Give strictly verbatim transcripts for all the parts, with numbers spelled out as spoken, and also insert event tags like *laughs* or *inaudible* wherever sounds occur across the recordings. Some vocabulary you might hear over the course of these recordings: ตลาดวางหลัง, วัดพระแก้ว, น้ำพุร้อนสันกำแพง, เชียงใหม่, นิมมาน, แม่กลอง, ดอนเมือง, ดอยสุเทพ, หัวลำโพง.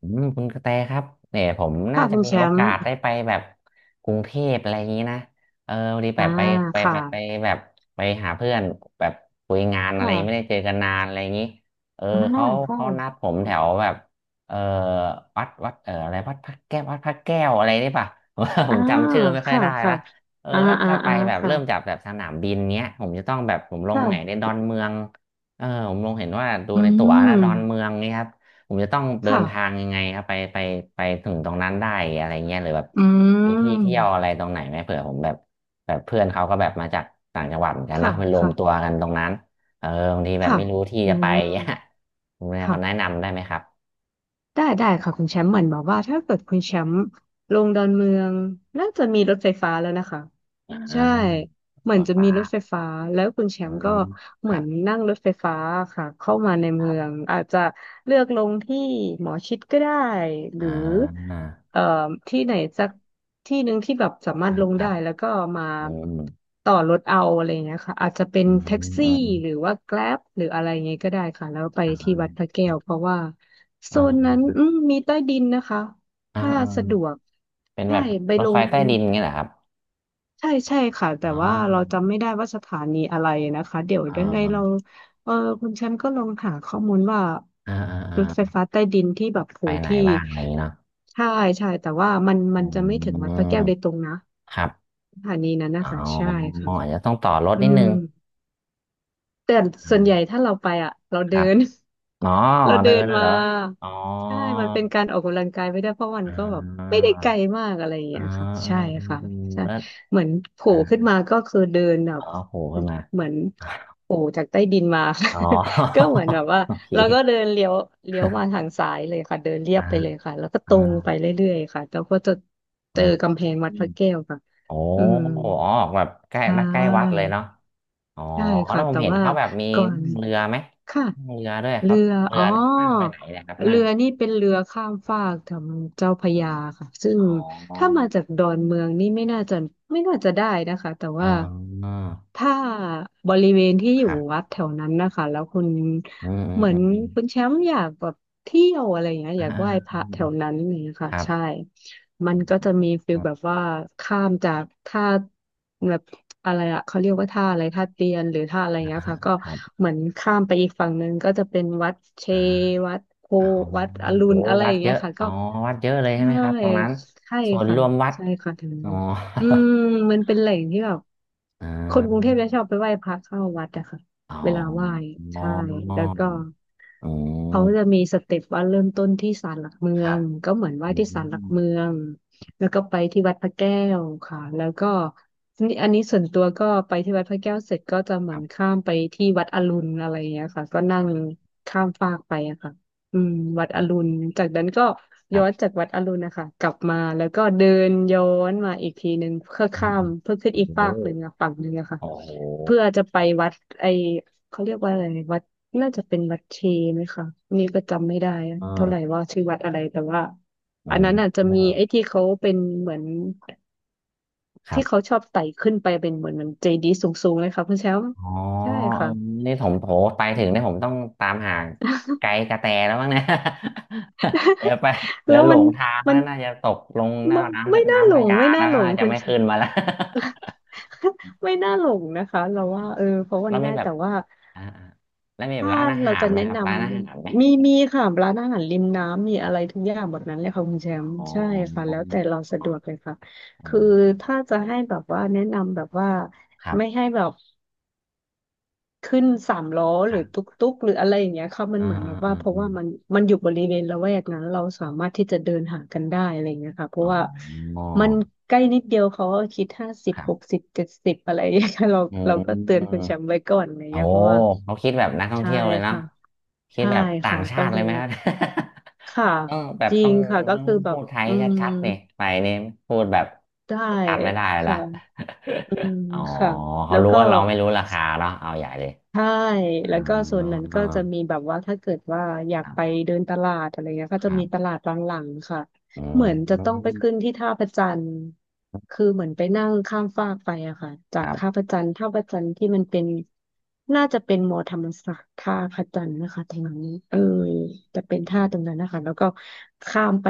อืมคุณกระแตครับเนี่ยผมน่าค่ะจะคุณมีแชโอมป์กาสได้ไปแบบกรุงเทพอะไรอย่างนี้นะเออพอดีแบอ่าบไปไปไปค่ะไปแบบไปหาเพื่อนแบบคุยงานอะไรไม่ค่ะได้เจอกันนานอะไรอย่างนี้เอออ่าเขาคเขานัด่ะผมแถวแบบเออวัดวัดเอออะไรวัดพระแก้ววัดพระแก้วอะไรนี่ป่ะ *laughs* ผอ่ามจำชื่อไม่ค่อยค่ะได้ค่ะละเอออ่าถ้าอ่าถ้าไปอ่าแบบเริ่มจากค่ะแบบสนามบินเนี้ยผมจะต้องแบบผมลงไหนในค่ะดอนเมืองเออผมลงเห็นว่าดูอืในตั๋วนะดอนเมืมองนี่ครับ ผมจะต้องเดิค่ะนทางยังไงครับไปไปไปถึงตรงนั้นได้อะไรเงี้ยหรือแบบอืมีที่มเที่ยวอะไรตรงไหนไหมเผื่อผมแบบแบบเพื่อนเขาก็แบบมาจากต่างจังหวัดเหมือนกันนะค่ะมันรวมค่ะตัวกันตรงนั้นเออบางทีแบบค่ะไม่รู้ที่อืจะไป ม *laughs* เนี่ยคุณแม่คนแนะค่ะ นำได้ไหมครับได้ได้ค่ะคุณแชมป์เหมือนบอกว่าถ้าเกิดคุณแชมป์ลงดอนเมืองน่าจะมีรถไฟฟ้าแล้วนะคะอ่าใช่เหมือโอ้นจะมีฟ้ารถไฟฟ้าแล้วคุณแชอืมป์ก็มคเหมืรัอนบนั่งรถไฟฟ้าค่ะเข้ามาในคเมืรัอบงอาจจะเลือกลงที่หมอชิดก็ได้หอ่รือาเอ่อที่ไหนสักที่หนึ่งที่แบบสามารคถรัลบงครับได้แล้วก็มาอืมต่อรถเอาอะไรอย่างเงี้ยค่ะอาจจะเป็นอืมแท็กซี่อืมหรือว่าแกร็บหรืออะไรอย่างเงี้ยก็ได้ค่ะแล้วไปอ่ที่วัดพาระแก้วเพราะว่า โซอ่นนั้นาอืมมีใต้ดินนะคะ อ่าถ้าอ่าสะดวกเป็นแบใช่บไปรถลไฟงใต้ดินเงี้ยเหรอครับใช่ใช่ค่ะแต่อ๋ว่าเราอจำไม่ได้ว่าสถานีอะไรนะคะเดี๋ยวอ่ยังไงเราาเออคุณแชมป์ก็ลองหาข้อมูลว่าอ่ารถไฟอ่า ฟ้าใต้ดินที่แบบโหไปไหนที่บ้างอะไรอย่างงี้เนาะใช่ใช่แต่ว่ามันอืมันจะมไม่ถึงวัดพระแก้วโดยตรงนะครับสถานีนั้นอ๋อนะคะใช่ค่ะอาจจะต้องต่อรถอืนิดนึม งแต่อืส่วนมใหญ่ถ้าเราไปอ่ะเราคเดิรับน อ๋อ *laughs* เราเดิเดินนน่ะมาเหรออ๋อใช่มันเป็นการออกกำลังกายไปได้วยเพราะมันอ่ก็แบบไม่าได้ไกลมากอะไรอย่างอ่าเงี้ยค่ะใช่อ่าอืมค่ะอืมใช่แล้วเหมือนโผล่อ่าขึ้นมาก็คือเดินแบอ๋บอโผล่ขึ้นมาเหมือนโผล่จากใต้ดินมา อ๋อ *laughs* ก็เหมือนแบบ *laughs* ว่าโอเค เราก็เดินเลี้ยวเลี้ยวมาทาง *laughs* ซ้ายเลยค่ะเดินเรียอ่าบไปเลยค่ะแล้วก็ตอ่ารงไปเรื่อยๆค่ะแล้วก็จะอืเจอมกำแพงวัอืดพมระแก้วค่ะโอ้อืมอ๋อแบบใกล้ใช่ ใกล้วัดเลยเนาะอ๋อใช่แล้ค่ะวผมแต่เห็นว่าเขาแบบมีก่อนั่นงเรือไหมค่ะนั่งเรือด้วยเรืเขาอนั่งเรือ๋ออนี่นั่งไปไหนเนี่ยครับนั่เรืง อนี่เป็นเรือข้ามฟากทางเจ้าพระยาค่ะซึ่งอ๋อถ้ามาจากดอนเมืองนี่ไม่น่าจะไม่น่าจะได้นะคะแต่อ๋ว่าอถ้าบริเวณที่อคยู่รับวัดแถวนั้นนะคะแล้วคุณอืมอืมเหมืออืนมอืมคุณแชมป์อยากแบบเที่ยวอะไรอย่างเงี้ยออ่ายากไหว้พอืมระอืแถมวนั้นนี่างเงี้ยคค่ะรับใช่ มัอืนมก็จะมีฟิลอืมแบบว่าข้ามจากท่าแบบอะไรอะเขาเรียกว่าท่าอะไรครับท่าเตียนหรือท่าอะไรอ่าเงี้ยค่ะก็ครับเหมือนข้ามไปอีกฝั่งหนึ่งก็จะเป็นวัดเชอ่าวัดโพอ๋อวัดอรุโอ้ณอะไรวัอดย่างเยเงี้ยอะค่ะอ๋ก็อวัดเยอะเลยใช่ใช่ไหมครับตรงนั้นใช่ส่วนรค่ะวมวัดใช่ค่ะถึงอ๋อ นี้อืม *laughs* มันเป็นแหล่งที่แบบอ่คนกรุงเทาพจะชอบไปไหว้พระเข้าวัดอะค่ะอ๋อเวลาไหว้อ๋อใช่มแล้วก็ อืเขามจะมีสเต็ปว่าเริ่มต้นที่ศาลหลักเมืคอรับงก็เหมือนไหว้อืที่ศาลหลักเมืมองแล้วก็ไปที่วัดพระแก้วค่ะแล้วก็นี่อันนี้ส่วนตัวก็ไปที่วัดพระแก้วเสร็จก็จะเหคมือรันบข้ามไปที่วัดอรุณอะไรอย่างเงี้ยค่ะก็นั่งข้ามฟากไปอะค่ะอืมวัดอรุณจากนั้นก็ครัย้อนจาบกวัดอรุณนะคะกลับมาแล้วก็เดินย้อนมาอีกทีหนึ่งเพื่ออืมข้าอืมมเพื่อขึ้นอีกโอ้โหฟากหนึ่งอะฝั่งหนึ่งอะค่ะโอ้โหเพื่อจะไปวัดไอ เขาเรียกว่าอะไรวัดน่าจะเป็นวัดเชไหมคะอันนี้ก็จำไม่ได้เอเท่าไหร่อว่าชื่อวัดอะไรแต่ว่าเออันนั้นอาจจะมีไอ้มที่เขาเป็นเหมือนครัที่เขาบ ชอบไต่ขึ้นไปเป็นเหมือนเหมือนเจดีย์สูงๆเลยค่ะคุณแชมป์อ๋อใช่เออค่ะนี่ผมโถไปถึงเนี่ยผมต้องตามหาไกด์กระแตแล้วมั้งเนี่ย *laughs* เดี๋ยวไปเดี๋แล้ยววหลมันงทางมัแล้นวน่าจะตกลงหน้าไม่ไม่น้ำน่าหลน้ำพงญาไม่แล้น่าวหลงน่าจะคุณไม่แชขึ้มนป์ มาแล้ว *laughs* ไม่น่าหลงนะคะเรา *laughs* อ๋อว่าเออเพราะมัแล้นวมีง่ายแบบแต่ว่า อ่าอ่าแล้วมีแบบถ้าร้านอาเราหารจะไหมแนะครันบร้านอาหารไหมำมีมีค่ะร้านอาหารริมน้ำมีอะไรทุกอย่างหมดนั้นเลยค่ะคุณแชมป์อ๋อใช่ค่ะแล้วแต่เราสะดวกเลยค่ะอ๋อคือถ้าจะให้แบบว่าแนะนำแบบว่าครัไม่บ ให้แบบขึ้นสามล้อคหรืรัอตุ๊กบตุ๊กหรืออะไรอย่างเงี้ยค่ะมันอ่าเหมือนแบอ่าบว่าอ่าเพอราะมว่ามันมันอยู่บริเวณละแวกนั้นเราสามารถที่จะเดินหากันได้อะไรอย่างเงี้ยค่ะเพราะว่าอ๋อมันใกล้นิดเดียวเขาก็คิดห้าสิบครัหกบสิบเจ็ดสิบอะไรอย่างเงี้ย *laughs* ค่ะเราอืเราก็เตือม นคุณแชมป์ไว้ก่อนอะไรอย่างโอ้เงี้ยเพราะว่าเขาคิดแบบนักท่องใช่เที่ยวเลยเนาะค่ะ คิดใช่แบบต่างค่ะชาก็ติเลเลยไหมคยรับ ค่ะ *laughs* ต้องแบบจริต้องงค่ะก็ต้องคือแบพูบดไทยอืมชัดๆนี่ไปนี่พูดแบบได้ชัดไม่ได้ละ ค่ะอืม *laughs* อ๋อค่ะแล้เขาวรู้ก็ ว่าเราไม่รู้ราคาเนาะเอาใหญ่เลยใช่อ๋อแล้วก็โซนนั้นก็จะมีแบบว่าถ้าเกิดว่าอยากครัไปบเดินตลาดอะไรเงี้ยก็คจะรัมีตบลาดบางหลังๆค่ะอืเหมือนจะต้องไปขึ้นมที่ท่าพระจันทร์คือเหมือนไปนั่งข้ามฟากไปอะค่ะจาคกรัท่าพบระจันทร์ท่าพระจันทร์ที่มันเป็นน่าจะเป็นมอธรรมศาสตร์ท่าพระจันทร์นะคะแถวนี้เออจะเป็นท่าตรงนั้นนะคะแล้วก็ข้ามไป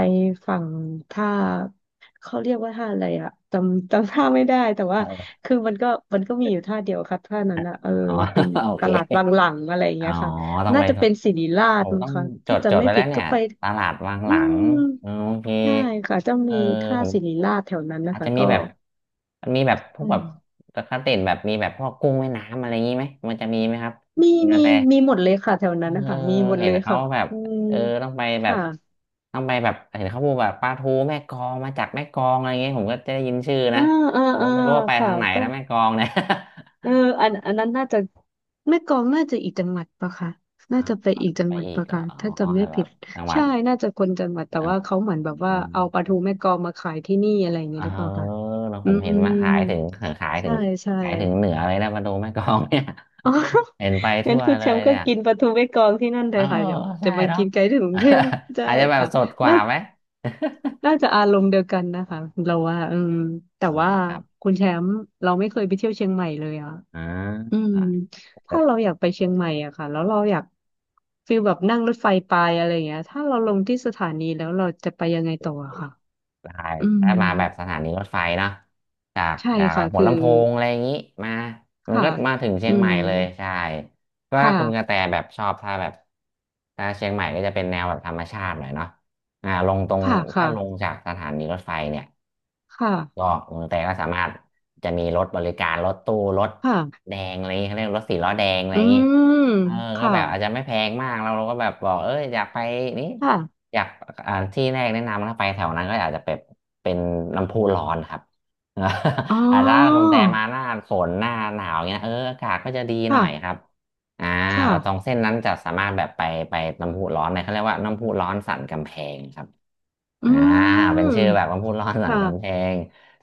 ฝั่งท่า *laughs* เขาเรียกว่าท่าอะไรอะจำจำท่าไม่ได้แต่ว่า อคือมันก็มันก็มีอยู่ท่าเดียวครับท่านั้นอะเออ๋อ เป็น *laughs* โอตเคลาดวังหลังอะไรอย่างอ๋อเงี้ยค่ะต้องน่าไป จะเป็นศิริราผชมมั้งต้องคะจถ้าดจะจดไม่ไปแล้ผิวดเนี่ก็ยไปตลาดวางอืหลังมเออโอเคใช่ค่ะจะเอมีอท่าผมศิริราชแถวนั้นนะอาจจะคะมีก็แบบมีแบบพวอืกแบมบปกติแบบมีแบบพวกกุ้งแม่น้ำอะไรอย่างนี้ไหมมันจะมีไหมครับมีคุณกมีระแตมีหมดเลยค่ะแถวนั้นเอนะอคะมีหมดเห็เลนยเขาค่ะแบบอืมเออต้องไปแบบค่ะต้องไปแบบเห็นเขาพูดแบบปลาทูแม่กลองมาจากแม่กลองอะไรอย่างเงี้ยผมก็จะได้ยินชื่ออ่านะอ่าผมอ่าก็ไม่รู้ว่าไปค่ะทางไหนต้อง นะแม่กลองเนี่ย เอออันอันนั้นน่าจะแม่กลองน่าจะอีกจังหวัดปะคะออน่าจะไปอีกจัไปงหวัดอีกปะเหรอคะถ้าอ๋อจำไม่แต่แบผิบดจังหวัใช่ดน่าจะคนจังหวัดแต่จังหว่าวัดเขาเหมือนแบบว่าอืเอาปลามทูแม่กลองมาขายที่นี่อะไรอย่างเอเงี้ยอหรือเปล่าคะแล้วผอืมเห็นมาขายถึมงขายถึใช่งใช่ขายถึงเหนือเลยนะมาดูแม่กลองเนี่ย อ๋อ *laughs* เห็นไป *laughs* งั้ทั่นวคุณเลแชยมป์ก็เนี่ยกินปลาทูแม่กลองที่นั่นเลเออยค่ะเดี๋ยวจะใช่มาเนาะ กินไกลถึงกรุงเทพ *laughs* ใช่อาจจะแบบค่ะสดกว่าน่าไหม น่าจะอารมณ์เดียวกันนะคะเราว่าอืม *laughs* แต่อืม ว่า *laughs* ครับคุณแชมป์เราไม่เคยไปเที่ยวเชียงใหม่เลยอ่ะ อ่อืา มถ้าเราอยากไปเชียงใหม่อะค่ะแล้วเราอยากฟีลแบบนั่งรถไฟไปอะไรเงี้ยถ้าเราลงที่สถานีแล้วเราจะไปยังไงต่ออะค่ะได้อืมถ้ามาแบบสถานีรถไฟเนอะจากใช่จากแบค่ะบหัวคือลำโพงอะไรอย่างนี้มามันค่ะก็มาถึงเชีอืยงใหม่มเลยใช่ก็ถ้าค่ะคุณกระแตแบบชอบถ้าแบบถ้าเชียงใหม่ก็จะเป็นแนวแบบธรรมชาติหน่อยเนาะอ่าลงตรงค่ะถ้าค่ะลงจากสถานีรถไฟเนี่ย คก็่ะเมืองไทยก็สามารถจะมีรถบริการรถตู้รถค่ะแดงอะไรอย่างงี้เขาเรียกรถสี่ล้อแดงอะไรอือย่างนี้มเออก็ค่ะแบบอาจจะไม่แพงมากเราเราก็แบบบอกเอออยากไปนี่ค่ะอยากอ่าที่แรกแนะนำถ้าไปแถวนั้นก็อาจจะเป็นเป็นน้ำพุร้อนครับ อ๋อ *laughs* อาจจะถ้าคุณแต่มาหน้าฝนหน้าหนาวเงี้ยเอออากาศก็จะดีหน่ค่ะอยครับอ่าค่ะแบบตรงเส้นนั้นจะสามารถแบบไปไปน้ำพุร้อนเนี่ยเขาเรียกว่าน้ำพุร้อนสันกำแพงครับ อือ่าเป็นมชื่อแบบว่าพูดล่อสันกำแพค่ะง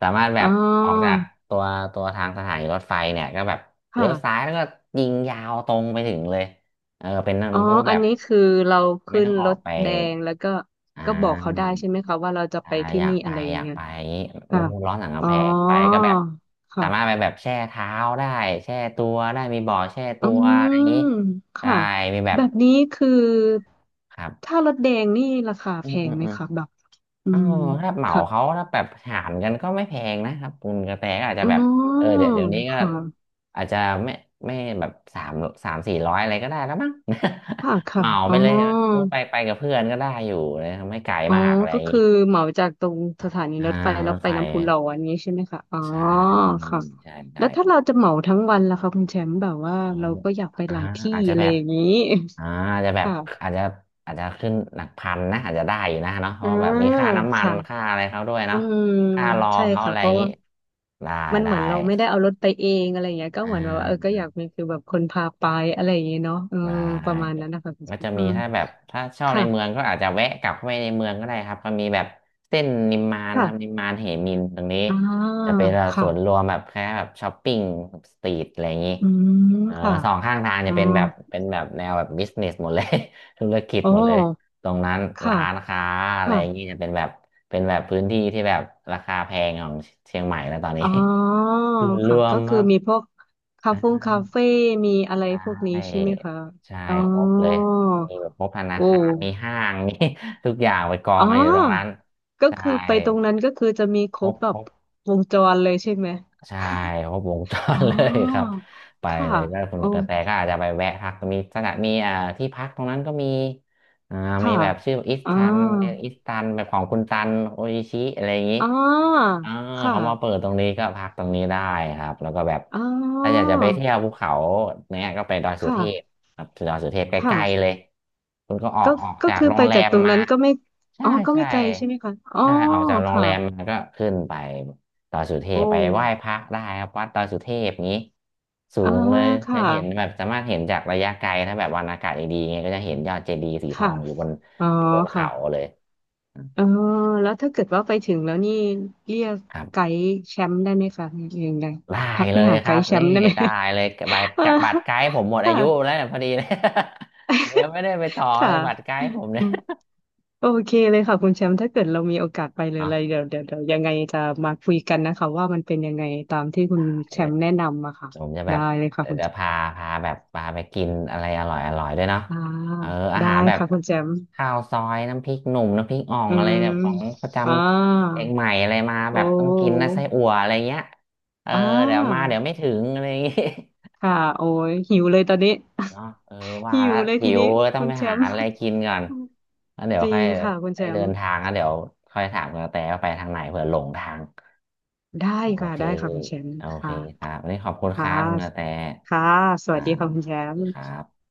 สามารถแบอ๋อบออกจากตัวตัวทางสถานีรถไฟเนี่ยก็แบบเลี้ยค่ะ วซ้ายแล้วก็ยิงยาวตรงไปถึงเลยเออเป็นอ๋อผู้แบอันบนี้คือเราไม่ขึ้ต้นองอรอกถไปแดงแล้วก็อ่ก็บอกเขาได้าใช่ไหมคะว่าเราจะอ่าไปที่อยากนี่ไปอะไรออย่างยากเงี้ยไปอย่างนี้มัค่ะนพูดร้อสังอ๋กำอแพงไปก็แบบสาค่ะมารถไปแบบแช่เท้าได้แช่ตัวได้มีบ่อแช่อืตัวอะมไรอย่างนี้ใช่ค่ะมีแบบแบบนี้คือครับถ้ารถแดงนี่ราคาอืแพมอืงมไหมอืม คะแบบอืเออมถ้าเหมาค่ะเขาถ้าแบบถามกันก็ไม่แพงนะครับคุณกระแตก็อาจจะอ๋แบบเอออเดี๋ยวเดี๋ยวนี้ก็ค่ะอาจจะไม่ไม่แบบสามสามสี่ร้อยอะไรก็ได้แล้วมั้ง ค่ะ *laughs* เหค่ะมาอ๋ไปอ เลยไปไปกับเพื่อนก็ได้อยู่เลยไม่ไกลอ๋อมากอะไรอก็ย่างงี้คือเหมาจากตรงสถานีอ่ารถไฟรแล้วถไปไฟน้ำพุร้อนนี้ใช่ไหมคะอ๋อใช่ค่ะใช่ใช่แล้วคถ้ารับเราจะเหมาทั้งวันล่ะคะคุณแชมป์แบบว่าออเราก็อยากไปอ่าหลายที่อาจจะอะแบไรบ อย่างนี้ อ่าอาจจะแบ *laughs* บค่ะอาจจะอาจจะขึ้นหลักพันนะอาจจะได้อยู่นะเนาะเพอืราะว่าแบบมีมค่าน้ำมันค่ะค่าอะไรเขาด้วยอืเนาะมค่ารอใช่เขาอะค่ะไรเพอย่างราะนี้ว่าได้มันเหได้มือนเราไม่ได้เอารถไปเองอะไรอย่างเงี้ยก็อ่เหมือนแบบว่าเออก็า อยากมีคือแบบคนพาไปอะไรอย่างเงี้ยเนาะเออได้ประมาณนั้นนะคะคุณก็แชมจะป์อืมีมถ้าแบบถ้าชอบในค่ะเมืองก็อาจจะแวะกลับเข้าไปในเมืองก็ได้ครับก็มีแบบเส้นนิมมานคค่ะรับนิมมานเหมินตรงนี้อ่าจะเป็นแบบสค่ะวนรวมแบบแค่แบบช้อปปิ้งสตรีทอะไรอย่างนี้อืมเออค่ะสองข้างทางอืจะเป็นมแบบเป็นแบบแนวแบบบิสเนสหมดเลย *laughs* ธุรกิจอ๋อหมดเลยตรงนั้นค่ะร้านค้าอะไรค่ะ อย่างนี้จะเป็นแบบเป็นแบบพื้นที่ที่แบบราคาแพงของเชียงใหม่แล้วตอนนี้ อ๋อ *laughs* ส่วนรค่ะวมก็คคือรับ มีพวกคาเฟ่คาเฟ่มีอะไรพวกนี้ใช่ใช่ไหมคะใช่อ๋อครบเลยมีแบบครบธนาโอ้คารมีห้างมี *laughs* ทุกอย่างไปกออ๋งอกันอยู่ตรงนั้นก็ใช่คือไปตรงนั้นก็คือจะมีคครรบบแบครบบวงจรเลยใช่ไหมใช่ครบวงจรอ๋อเลยครับ *laughs* ไปค่ะเลยก็คุณโอ้กระแตก็อาจจะไปแวะพักมีสถานมีอ่าที่พักตรงนั้นก็มีอ่ามีค่ะแบบชื่ออิสอ๋อตันอิสตันแบบของคุณตันโออิชิอะไรอย่างนี้ อ๋ออ่าคเขามาเปิ่ะดตรงนี้ก็พักตรงนี้ได้ครับแล้วก็แบบอ๋ถ้าอยาอกจะไปเที่ยวภูเขาเนี้ยก็ไปดอยสุเทพค่ะครับดอยสุเทพใกล้ๆเลค่ะยคุณก็ออก็กออกก็จากคือโรไปงแรจากมตรงมานั้นก็ไม่ใช่อ๋อก็ไม่ใช่ไกลใช่ไหมคะอ๋อใช่ออกจากโรงค่ะแรมมาก็ขึ้นไปดอยสุเทพโอ้ไปไหว้พระได้ครับวัดดอยสุเทพนี้สูอ่างเลยจะค่ะ เห็นแบบสามารถเห็นจากระยะไกลถ้าแบบวันอากาศดีๆไงก็จะเห็นยอดเจดีย์สีทอค่ะงอยู่บนอ๋ออยู่บนค่ะเขาเลยเออแล้วถ้าเกิดว่าไปถึงแล้วนี่เรียกครัไกบ ด์แชมป์ได้ไหมคะเรียังไงได้ทักเลไปยหาคไกรับด์แชนี่มป์ได้ไหม *laughs* ได้เลยบัตรเออบัตรไกด์ผมหมดอาค่ะยุแล้วเนี่ยพอดีเลย *laughs* ผมยังไม่ได้ไปต่อเลค่ะยบัตรไกด์ผมเนี่ย *laughs* โอเคเลยค่ะคุณแชมป์ถ้าเกิดเรามีโอกาสไปเลยเนาะอะไรเดี๋ยวเดี๋ยวเดี๋ยวยังไงจะมาคุยกันนะคะว่ามันเป็นยังไงตามที่คุณไปแชเลมยป์แนะนำอะค่ะผมจะแบได้บเลยค่ะเดี๋ยคุวณจะแชมพาป์พาแบบพาไปกินอะไรอร่อยอร่อยด้วยเนาะอ่าเอออาได้หารแบบค่ะคุณแชมป์ข้าวซอยน้ำพริกหนุ่มน้ำพริกอ่องอือะไรมเนี่ยของประจอ่าำเชียงใหม่อะไรมาแบโอ้บต้องกินนะไส้อั่วอะไรเงี้ยเอออ่เดี๋ยวมาาเดี๋ยวไม่ถึงอะไรอย่างงี้ ค่ะโอ้ยหิวเลยตอนนี้ เนาะเออว่าหิแล้ววเลยหิทีวนี้ก็ต้อคุงณไปแชหามป์ อะไรกินก่อนแล้วเดี๋ย *laughs* วจริค่อยงค่ะคุณไปแชเดิมป์นทางแล้วเดี๋ยวค่อยถามกระแตว่าไปทางไหนเผื่อหลงทางได้โอค่ะเคได้ค่ะคุณแชมป์โอเคค่ะครับวันนี้ขอบคุณคค่ะรับคุณกระแตค่ะสอ่าวัสดีสค่ะคุณแชวัสมดีป์ครับ